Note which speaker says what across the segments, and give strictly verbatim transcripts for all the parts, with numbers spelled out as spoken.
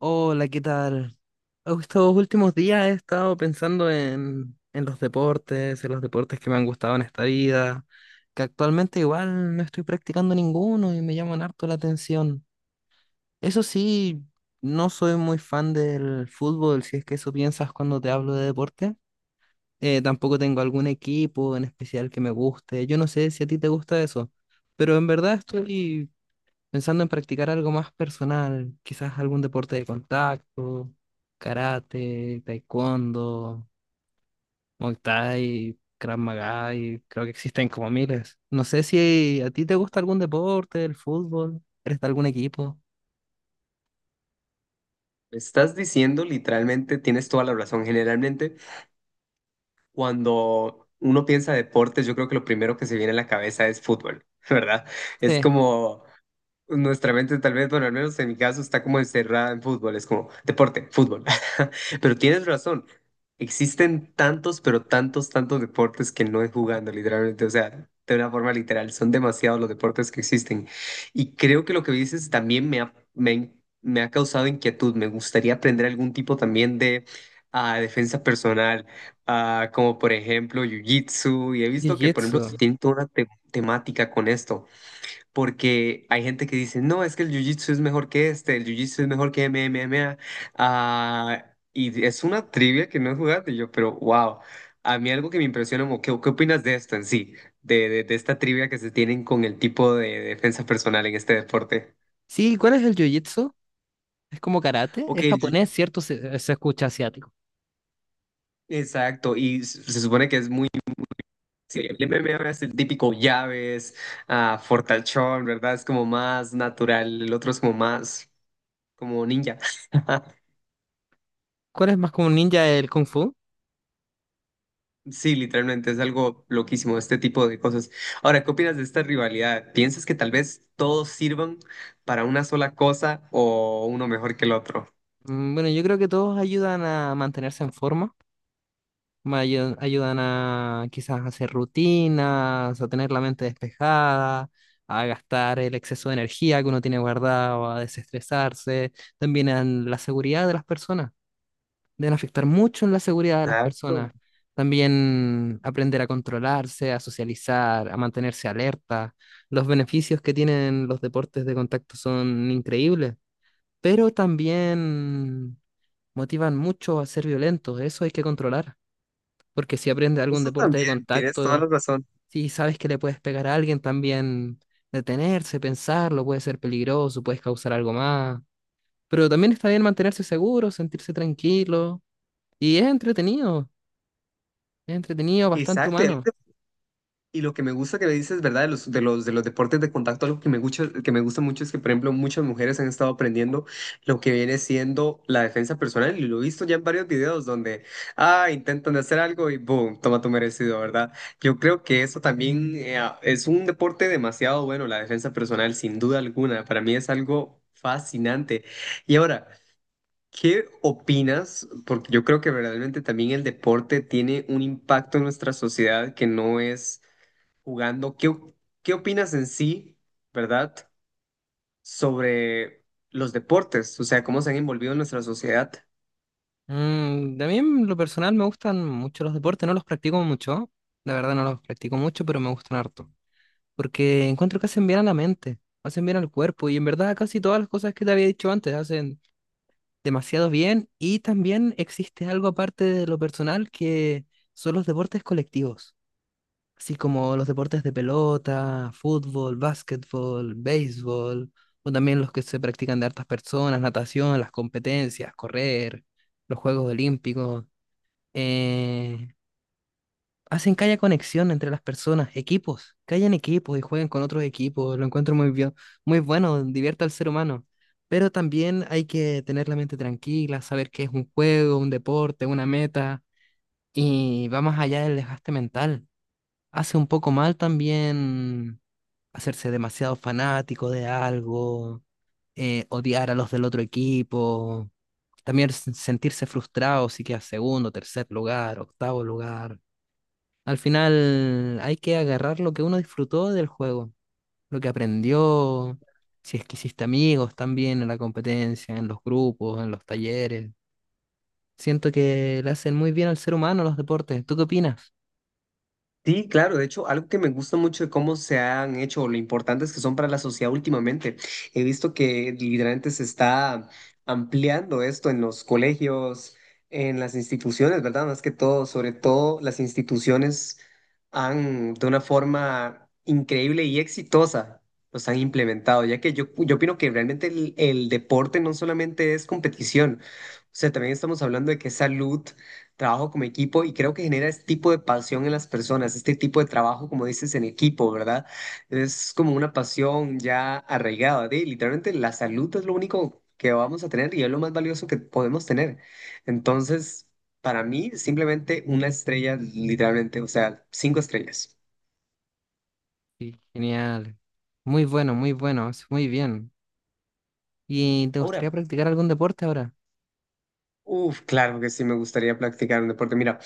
Speaker 1: Hola, ¿qué tal? Estos últimos días he estado pensando en, en los deportes, en los deportes que me han gustado en esta vida, que actualmente igual no estoy practicando ninguno y me llaman harto la atención. Eso sí, no soy muy fan del fútbol, si es que eso piensas cuando te hablo de deporte. Eh, tampoco tengo algún equipo en especial que me guste. Yo no sé si a ti te gusta eso, pero en verdad estoy pensando en practicar algo más personal, quizás algún deporte de contacto, karate, taekwondo, muay thai, krav maga, y creo que existen como miles. No sé si a ti te gusta algún deporte, el fútbol, eres de algún equipo.
Speaker 2: Estás diciendo literalmente, tienes toda la razón. Generalmente, cuando uno piensa deportes, yo creo que lo primero que se viene a la cabeza es fútbol, ¿verdad? Es
Speaker 1: Sí,
Speaker 2: como nuestra mente tal vez, bueno, al menos en mi caso está como encerrada en fútbol, es como deporte, fútbol. Pero tienes razón, existen tantos, pero tantos, tantos deportes que no es jugando, literalmente, o sea, de una forma literal, son demasiados los deportes que existen. Y creo que lo que dices también me ha, me, me ha causado inquietud, me gustaría aprender algún tipo también de ah, defensa personal, ah, como por ejemplo Jiu-Jitsu, y he visto que por ejemplo
Speaker 1: jiu-jitsu.
Speaker 2: tienen toda una te- temática con esto porque hay gente que dice, no, es que el jiu-jitsu es mejor que este, el jiu-jitsu es mejor que M M A. Ah, y es una trivia que no he jugado y yo, pero wow, a mí algo que me impresiona, como, ¿qué, qué opinas de esto en sí? De, de, de esta trivia que se tienen con el tipo de defensa personal en este deporte.
Speaker 1: Sí, ¿cuál es el jiu-jitsu? ¿Es como karate?
Speaker 2: Ok,
Speaker 1: Es
Speaker 2: el jiu-
Speaker 1: japonés, ¿cierto? Se, se escucha asiático.
Speaker 2: exacto, y s- se supone que es muy... sí, el M M A es el típico llaves, ah, fortachón, ¿verdad? Es como más natural, el otro es como más como ninja.
Speaker 1: ¿Cuál es más como un ninja el kung fu?
Speaker 2: Sí, literalmente es algo loquísimo este tipo de cosas. Ahora, ¿qué opinas de esta rivalidad? ¿Piensas que tal vez todos sirvan para una sola cosa o uno mejor que el otro?
Speaker 1: Mm, bueno, yo creo que todos ayudan a mantenerse en forma. Me ayu- ayudan a quizás hacer rutinas, a tener la mente despejada, a gastar el exceso de energía que uno tiene guardado, a desestresarse. También en la seguridad de las personas, deben afectar mucho en la seguridad de las
Speaker 2: Exacto,
Speaker 1: personas. También aprender a controlarse, a socializar, a mantenerse alerta. Los beneficios que tienen los deportes de contacto son increíbles, pero también motivan mucho a ser violentos. Eso hay que controlar porque si aprendes algún
Speaker 2: eso
Speaker 1: deporte de
Speaker 2: también, tienes toda la
Speaker 1: contacto,
Speaker 2: razón.
Speaker 1: si sabes que le puedes pegar a alguien, también detenerse, pensarlo, puede ser peligroso, puedes causar algo más. Pero también está bien mantenerse seguro, sentirse tranquilo. Y es entretenido, es entretenido, bastante
Speaker 2: Exacto, y algo
Speaker 1: humano.
Speaker 2: que y lo que me gusta que me dices, ¿verdad? De los, de los, de los deportes de contacto, algo que me gusta, que me gusta mucho es que, por ejemplo, muchas mujeres han estado aprendiendo lo que viene siendo la defensa personal. Y lo he visto ya en varios videos donde, ah, intentan de hacer algo y boom, toma tu merecido, ¿verdad? Yo creo que eso también eh, ah, es un deporte demasiado bueno, la defensa personal, sin duda alguna. Para mí es algo fascinante. Y ahora... ¿Qué opinas? Porque yo creo que verdaderamente también el deporte tiene un impacto en nuestra sociedad que no es jugando. ¿Qué, o- qué opinas en sí, verdad, sobre los deportes? O sea, cómo se han envolvido en nuestra sociedad.
Speaker 1: Mm, también lo personal me gustan mucho los deportes, no los practico mucho, la verdad no los practico mucho, pero me gustan harto. Porque encuentro que hacen bien a la mente, hacen bien al cuerpo y en verdad casi todas las cosas que te había dicho antes hacen demasiado bien y también existe algo aparte de lo personal que son los deportes colectivos, así como los deportes de pelota, fútbol, básquetbol, béisbol, o también los que se practican de hartas personas, natación, las competencias, correr, los Juegos Olímpicos. Eh, Hacen que haya conexión entre las personas, equipos, que hayan equipos y jueguen con otros equipos, lo encuentro muy bien, muy bueno, divierte al ser humano. Pero también hay que tener la mente tranquila, saber que es un juego, un deporte, una meta, y va más allá del desgaste mental. Hace un poco mal también hacerse demasiado fanático de algo, eh, odiar a los del otro equipo, también s- sentirse frustrado si quedas segundo, tercer lugar, octavo lugar. Al final hay que agarrar lo que uno disfrutó del juego, lo que aprendió, si es que hiciste amigos también en la competencia, en los grupos, en los talleres. Siento que le hacen muy bien al ser humano los deportes. ¿Tú qué opinas?
Speaker 2: Sí, claro, de hecho, algo que me gusta mucho de cómo se han hecho, o lo importantes que son para la sociedad últimamente. He visto que literalmente se está ampliando esto en los colegios, en las instituciones, ¿verdad? Más que todo, sobre todo las instituciones han, de una forma increíble y exitosa, los han implementado, ya que yo, yo opino que realmente el el deporte no solamente es competición, o sea, también estamos hablando de que es salud, trabajo como equipo y creo que genera este tipo de pasión en las personas, este tipo de trabajo, como dices, en equipo, ¿verdad? Es como una pasión ya arraigada, de literalmente la salud es lo único que vamos a tener y es lo más valioso que podemos tener. Entonces, para mí, simplemente una estrella, literalmente, o sea, cinco estrellas.
Speaker 1: Sí, genial. Muy bueno, muy bueno, es muy bien. ¿Y te
Speaker 2: Ahora,
Speaker 1: gustaría practicar algún deporte ahora?
Speaker 2: uff, claro que sí me gustaría practicar un deporte. Mira,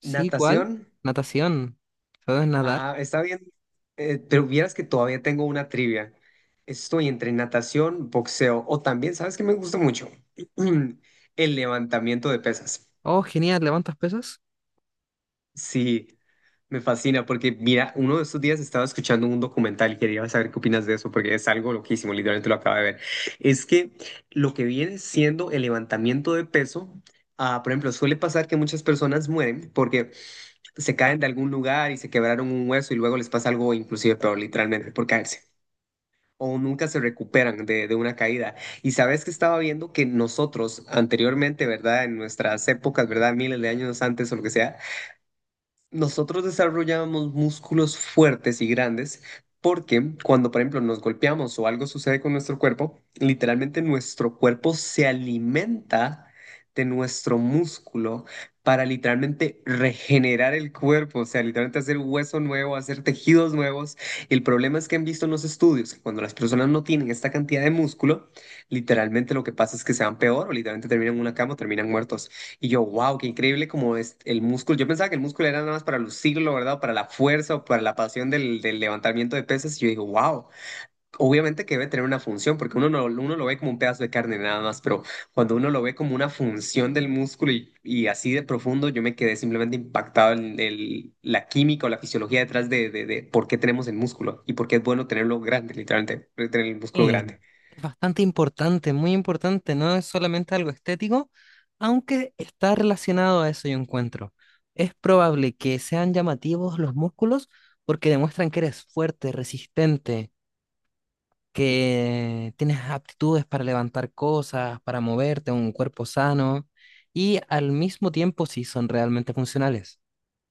Speaker 1: Sí, ¿cuál?
Speaker 2: natación.
Speaker 1: Natación. ¿Sabes nadar?
Speaker 2: Ajá, está bien. Eh, pero vieras que todavía tengo una trivia. Estoy entre natación, boxeo o también, ¿sabes qué me gusta mucho? El levantamiento de pesas.
Speaker 1: Oh, genial, ¿levantas pesas?
Speaker 2: Sí, me fascina porque mira, uno de estos días estaba escuchando un documental y quería saber qué opinas de eso porque es algo loquísimo, literalmente lo acabo de ver. Es que lo que viene siendo el levantamiento de peso, ah, por ejemplo, suele pasar que muchas personas mueren porque se caen de algún lugar y se quebraron un hueso y luego les pasa algo inclusive peor, literalmente, por caerse. O nunca se recuperan de, de una caída. Y sabes que estaba viendo que nosotros anteriormente, ¿verdad? En nuestras épocas, ¿verdad? Miles de años antes o lo que sea, nosotros desarrollamos músculos fuertes y grandes porque cuando, por ejemplo, nos golpeamos o algo sucede con nuestro cuerpo, literalmente nuestro cuerpo se alimenta de nuestro músculo para literalmente regenerar el cuerpo, o sea, literalmente hacer hueso nuevo, hacer tejidos nuevos. El problema es que han visto en los estudios que cuando las personas no tienen esta cantidad de músculo, literalmente lo que pasa es que se van peor o literalmente terminan en una cama o terminan muertos. Y yo, wow, qué increíble como es el músculo. Yo pensaba que el músculo era nada más para lucirlo, ¿verdad? Para la fuerza o para la pasión del, del levantamiento de pesas. Y yo digo, wow, obviamente que debe tener una función, porque uno, no, uno lo ve como un pedazo de carne nada más, pero cuando uno lo ve como una función del músculo y, y así de profundo, yo me quedé simplemente impactado en el, la química o la fisiología detrás de, de, de por qué tenemos el músculo y por qué es bueno tenerlo grande, literalmente, tener el músculo
Speaker 1: Sí,
Speaker 2: grande.
Speaker 1: es bastante importante, muy importante, no es solamente algo estético, aunque está relacionado a eso yo encuentro. Es probable que sean llamativos los músculos porque demuestran que eres fuerte, resistente, que tienes aptitudes para levantar cosas, para moverte, un cuerpo sano y al mismo tiempo si son realmente funcionales.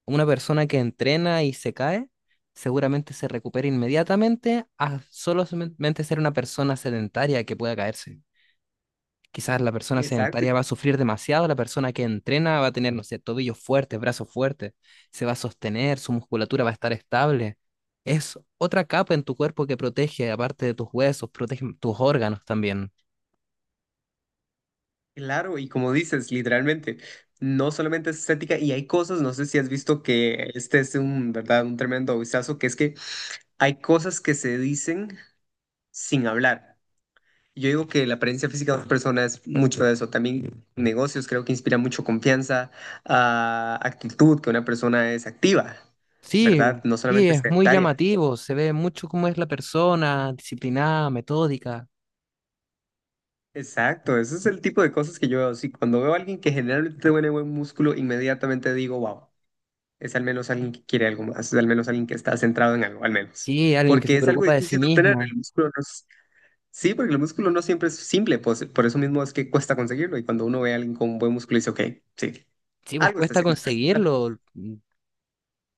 Speaker 1: Una persona que entrena y se cae, seguramente se recupera inmediatamente a solamente ser una persona sedentaria que pueda caerse. Quizás la persona
Speaker 2: Exacto,
Speaker 1: sedentaria va a sufrir demasiado, la persona que entrena va a tener, no sé, tobillos fuertes, brazos fuertes, se va a sostener, su musculatura va a estar estable. Es otra capa en tu cuerpo que protege, aparte de tus huesos, protege tus órganos también.
Speaker 2: claro, y como dices, literalmente, no solamente es estética, y hay cosas, no sé si has visto que este es un, ¿verdad? Un tremendo vistazo, que es que hay cosas que se dicen sin hablar. Yo digo que la apariencia física de una persona es mucho de eso. También negocios creo que inspira mucho confianza, ah, actitud, que una persona es activa,
Speaker 1: Sí,
Speaker 2: ¿verdad? No
Speaker 1: sí,
Speaker 2: solamente
Speaker 1: es muy
Speaker 2: sedentaria.
Speaker 1: llamativo, se ve mucho cómo es la persona, disciplinada, metódica.
Speaker 2: Exacto, ese es el tipo de cosas que yo veo. Sí, cuando veo a alguien que generalmente tiene buen músculo, inmediatamente digo, wow, es al menos alguien que quiere algo más, es al menos alguien que está centrado en algo, al menos.
Speaker 1: Sí, alguien que
Speaker 2: Porque
Speaker 1: se
Speaker 2: es algo
Speaker 1: preocupa de sí
Speaker 2: difícil de obtener,
Speaker 1: mismo.
Speaker 2: el músculo no es- sí, porque el músculo no siempre es simple, pues, por eso mismo es que cuesta conseguirlo. Y cuando uno ve a alguien con buen músculo, dice, ok, sí,
Speaker 1: Sí, pues
Speaker 2: algo está
Speaker 1: cuesta
Speaker 2: haciendo.
Speaker 1: conseguirlo. Mm,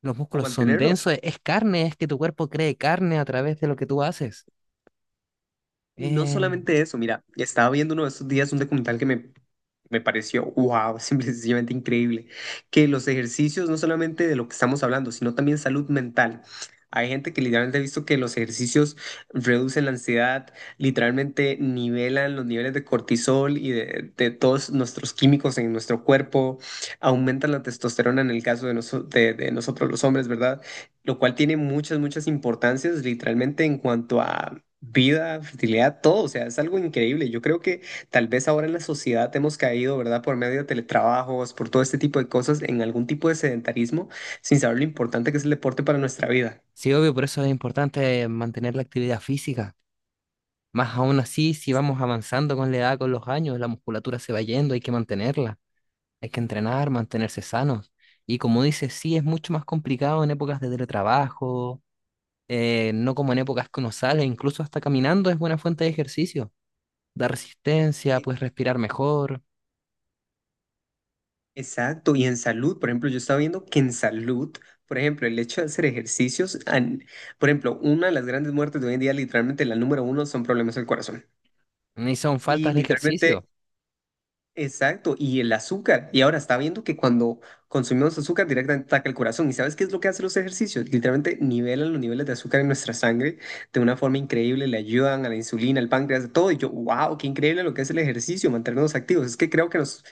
Speaker 1: los
Speaker 2: O
Speaker 1: músculos son
Speaker 2: mantenerlo,
Speaker 1: densos, e- es carne, es que tu cuerpo cree carne a través de lo que tú haces.
Speaker 2: y no
Speaker 1: Eh,
Speaker 2: solamente eso, mira, estaba viendo uno de estos días un documental que me, me pareció, wow, simplemente increíble, que los ejercicios, no solamente de lo que estamos hablando, sino también salud mental. Hay gente que literalmente ha visto que los ejercicios reducen la ansiedad, literalmente nivelan los niveles de cortisol y de, de todos nuestros químicos en nuestro cuerpo, aumentan la testosterona en el caso de, noso- de de nosotros los hombres, ¿verdad? Lo cual tiene muchas, muchas importancias literalmente en cuanto a vida, fertilidad, todo, o sea, es algo increíble. Yo creo que tal vez ahora en la sociedad hemos caído, ¿verdad? Por medio de teletrabajos, por todo este tipo de cosas, en algún tipo de sedentarismo, sin saber lo importante que es el deporte para nuestra vida.
Speaker 1: sí, obvio, por eso es importante mantener la actividad física. Más aún así, si vamos avanzando con la edad, con los años, la musculatura se va yendo, hay que mantenerla. Hay que entrenar, mantenerse sanos. Y como dices, sí, es mucho más complicado en épocas de teletrabajo, eh, no como en épocas que uno sale, incluso hasta caminando es buena fuente de ejercicio. Da resistencia,
Speaker 2: E-
Speaker 1: puedes respirar mejor.
Speaker 2: Exacto, y en salud, por ejemplo, yo estaba viendo que en salud, por ejemplo, el hecho de hacer ejercicios, an- por ejemplo, una de las grandes muertes de hoy en día, literalmente la número uno, son problemas del corazón.
Speaker 1: Ni son
Speaker 2: Y
Speaker 1: faltas de
Speaker 2: literalmente
Speaker 1: ejercicio.
Speaker 2: exacto, y el azúcar. Y ahora está viendo que cuando consumimos azúcar directamente ataca el corazón. ¿Y sabes qué es lo que hacen los ejercicios? Literalmente nivelan los niveles de azúcar en nuestra sangre de una forma increíble, le ayudan a la insulina, al páncreas, a todo. Y yo, wow, qué increíble lo que es el ejercicio, mantenernos activos. Es que creo que nos,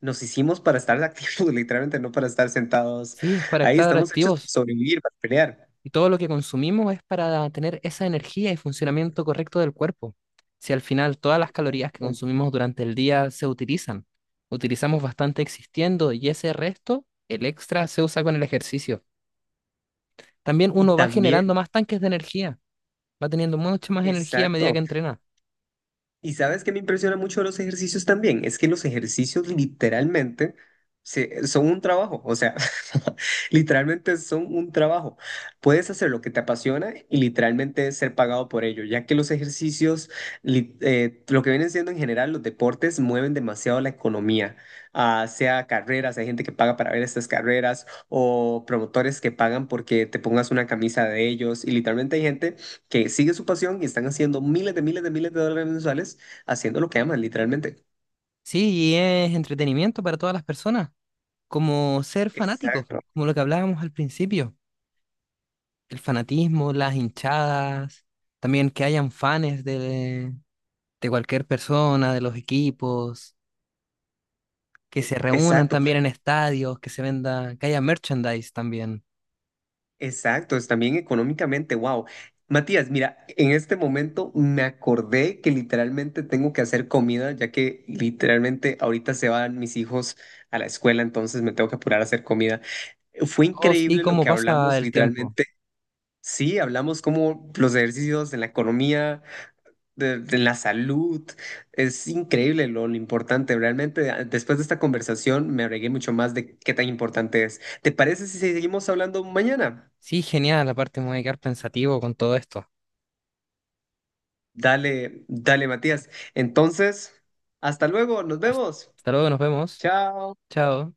Speaker 2: nos hicimos para estar activos, literalmente, no para estar sentados.
Speaker 1: Sí, es para
Speaker 2: Ahí
Speaker 1: estar
Speaker 2: estamos hechos para
Speaker 1: activos.
Speaker 2: sobrevivir, para pelear.
Speaker 1: Y todo lo que consumimos es para tener esa energía y funcionamiento correcto del cuerpo. Si al final todas las calorías que consumimos durante el día se utilizan, utilizamos bastante existiendo y ese resto, el extra, se usa con el ejercicio. También
Speaker 2: Y
Speaker 1: uno va
Speaker 2: también,
Speaker 1: generando más tanques de energía, va teniendo mucha más energía a medida que
Speaker 2: exacto.
Speaker 1: entrena.
Speaker 2: Y sabes que me impresiona mucho de los ejercicios también, es que los ejercicios literalmente se- son un trabajo, o sea, literalmente son un trabajo. Puedes hacer lo que te apasiona y literalmente ser pagado por ello, ya que los ejercicios, li- eh, lo que vienen siendo en general los deportes, mueven demasiado la economía, ah, sea carreras, hay gente que paga para ver estas carreras o promotores que pagan porque te pongas una camisa de ellos y literalmente hay gente que sigue su pasión y están haciendo miles de miles de miles de dólares mensuales haciendo lo que aman, literalmente.
Speaker 1: Sí, y es entretenimiento para todas las personas, como ser fanáticos,
Speaker 2: Exacto,
Speaker 1: como lo que hablábamos al principio. El fanatismo, las hinchadas, también que hayan fans de, de cualquier persona, de los equipos, que se
Speaker 2: e-
Speaker 1: reúnan
Speaker 2: exacto,
Speaker 1: también en estadios, que se venda, que haya merchandise también.
Speaker 2: exacto. Es también económicamente, wow. Matías, mira, en este momento me acordé que literalmente tengo que hacer comida, ya que literalmente ahorita se van mis hijos a la escuela, entonces me tengo que apurar a hacer comida. Fue
Speaker 1: Oh, sí,
Speaker 2: increíble lo
Speaker 1: cómo
Speaker 2: que
Speaker 1: pasa
Speaker 2: hablamos,
Speaker 1: el tiempo.
Speaker 2: literalmente. Sí, hablamos como los ejercicios en la economía, de, de la salud. Es increíble lo, lo importante. Realmente, a- después de esta conversación, me agregué mucho más de qué tan importante es. ¿Te parece si seguimos hablando mañana?
Speaker 1: Sí, genial, aparte me voy a quedar pensativo con todo esto.
Speaker 2: Dale, dale, Matías. Entonces, hasta luego, nos
Speaker 1: Hasta
Speaker 2: vemos.
Speaker 1: Hasta luego, nos vemos.
Speaker 2: Chao.
Speaker 1: Chao.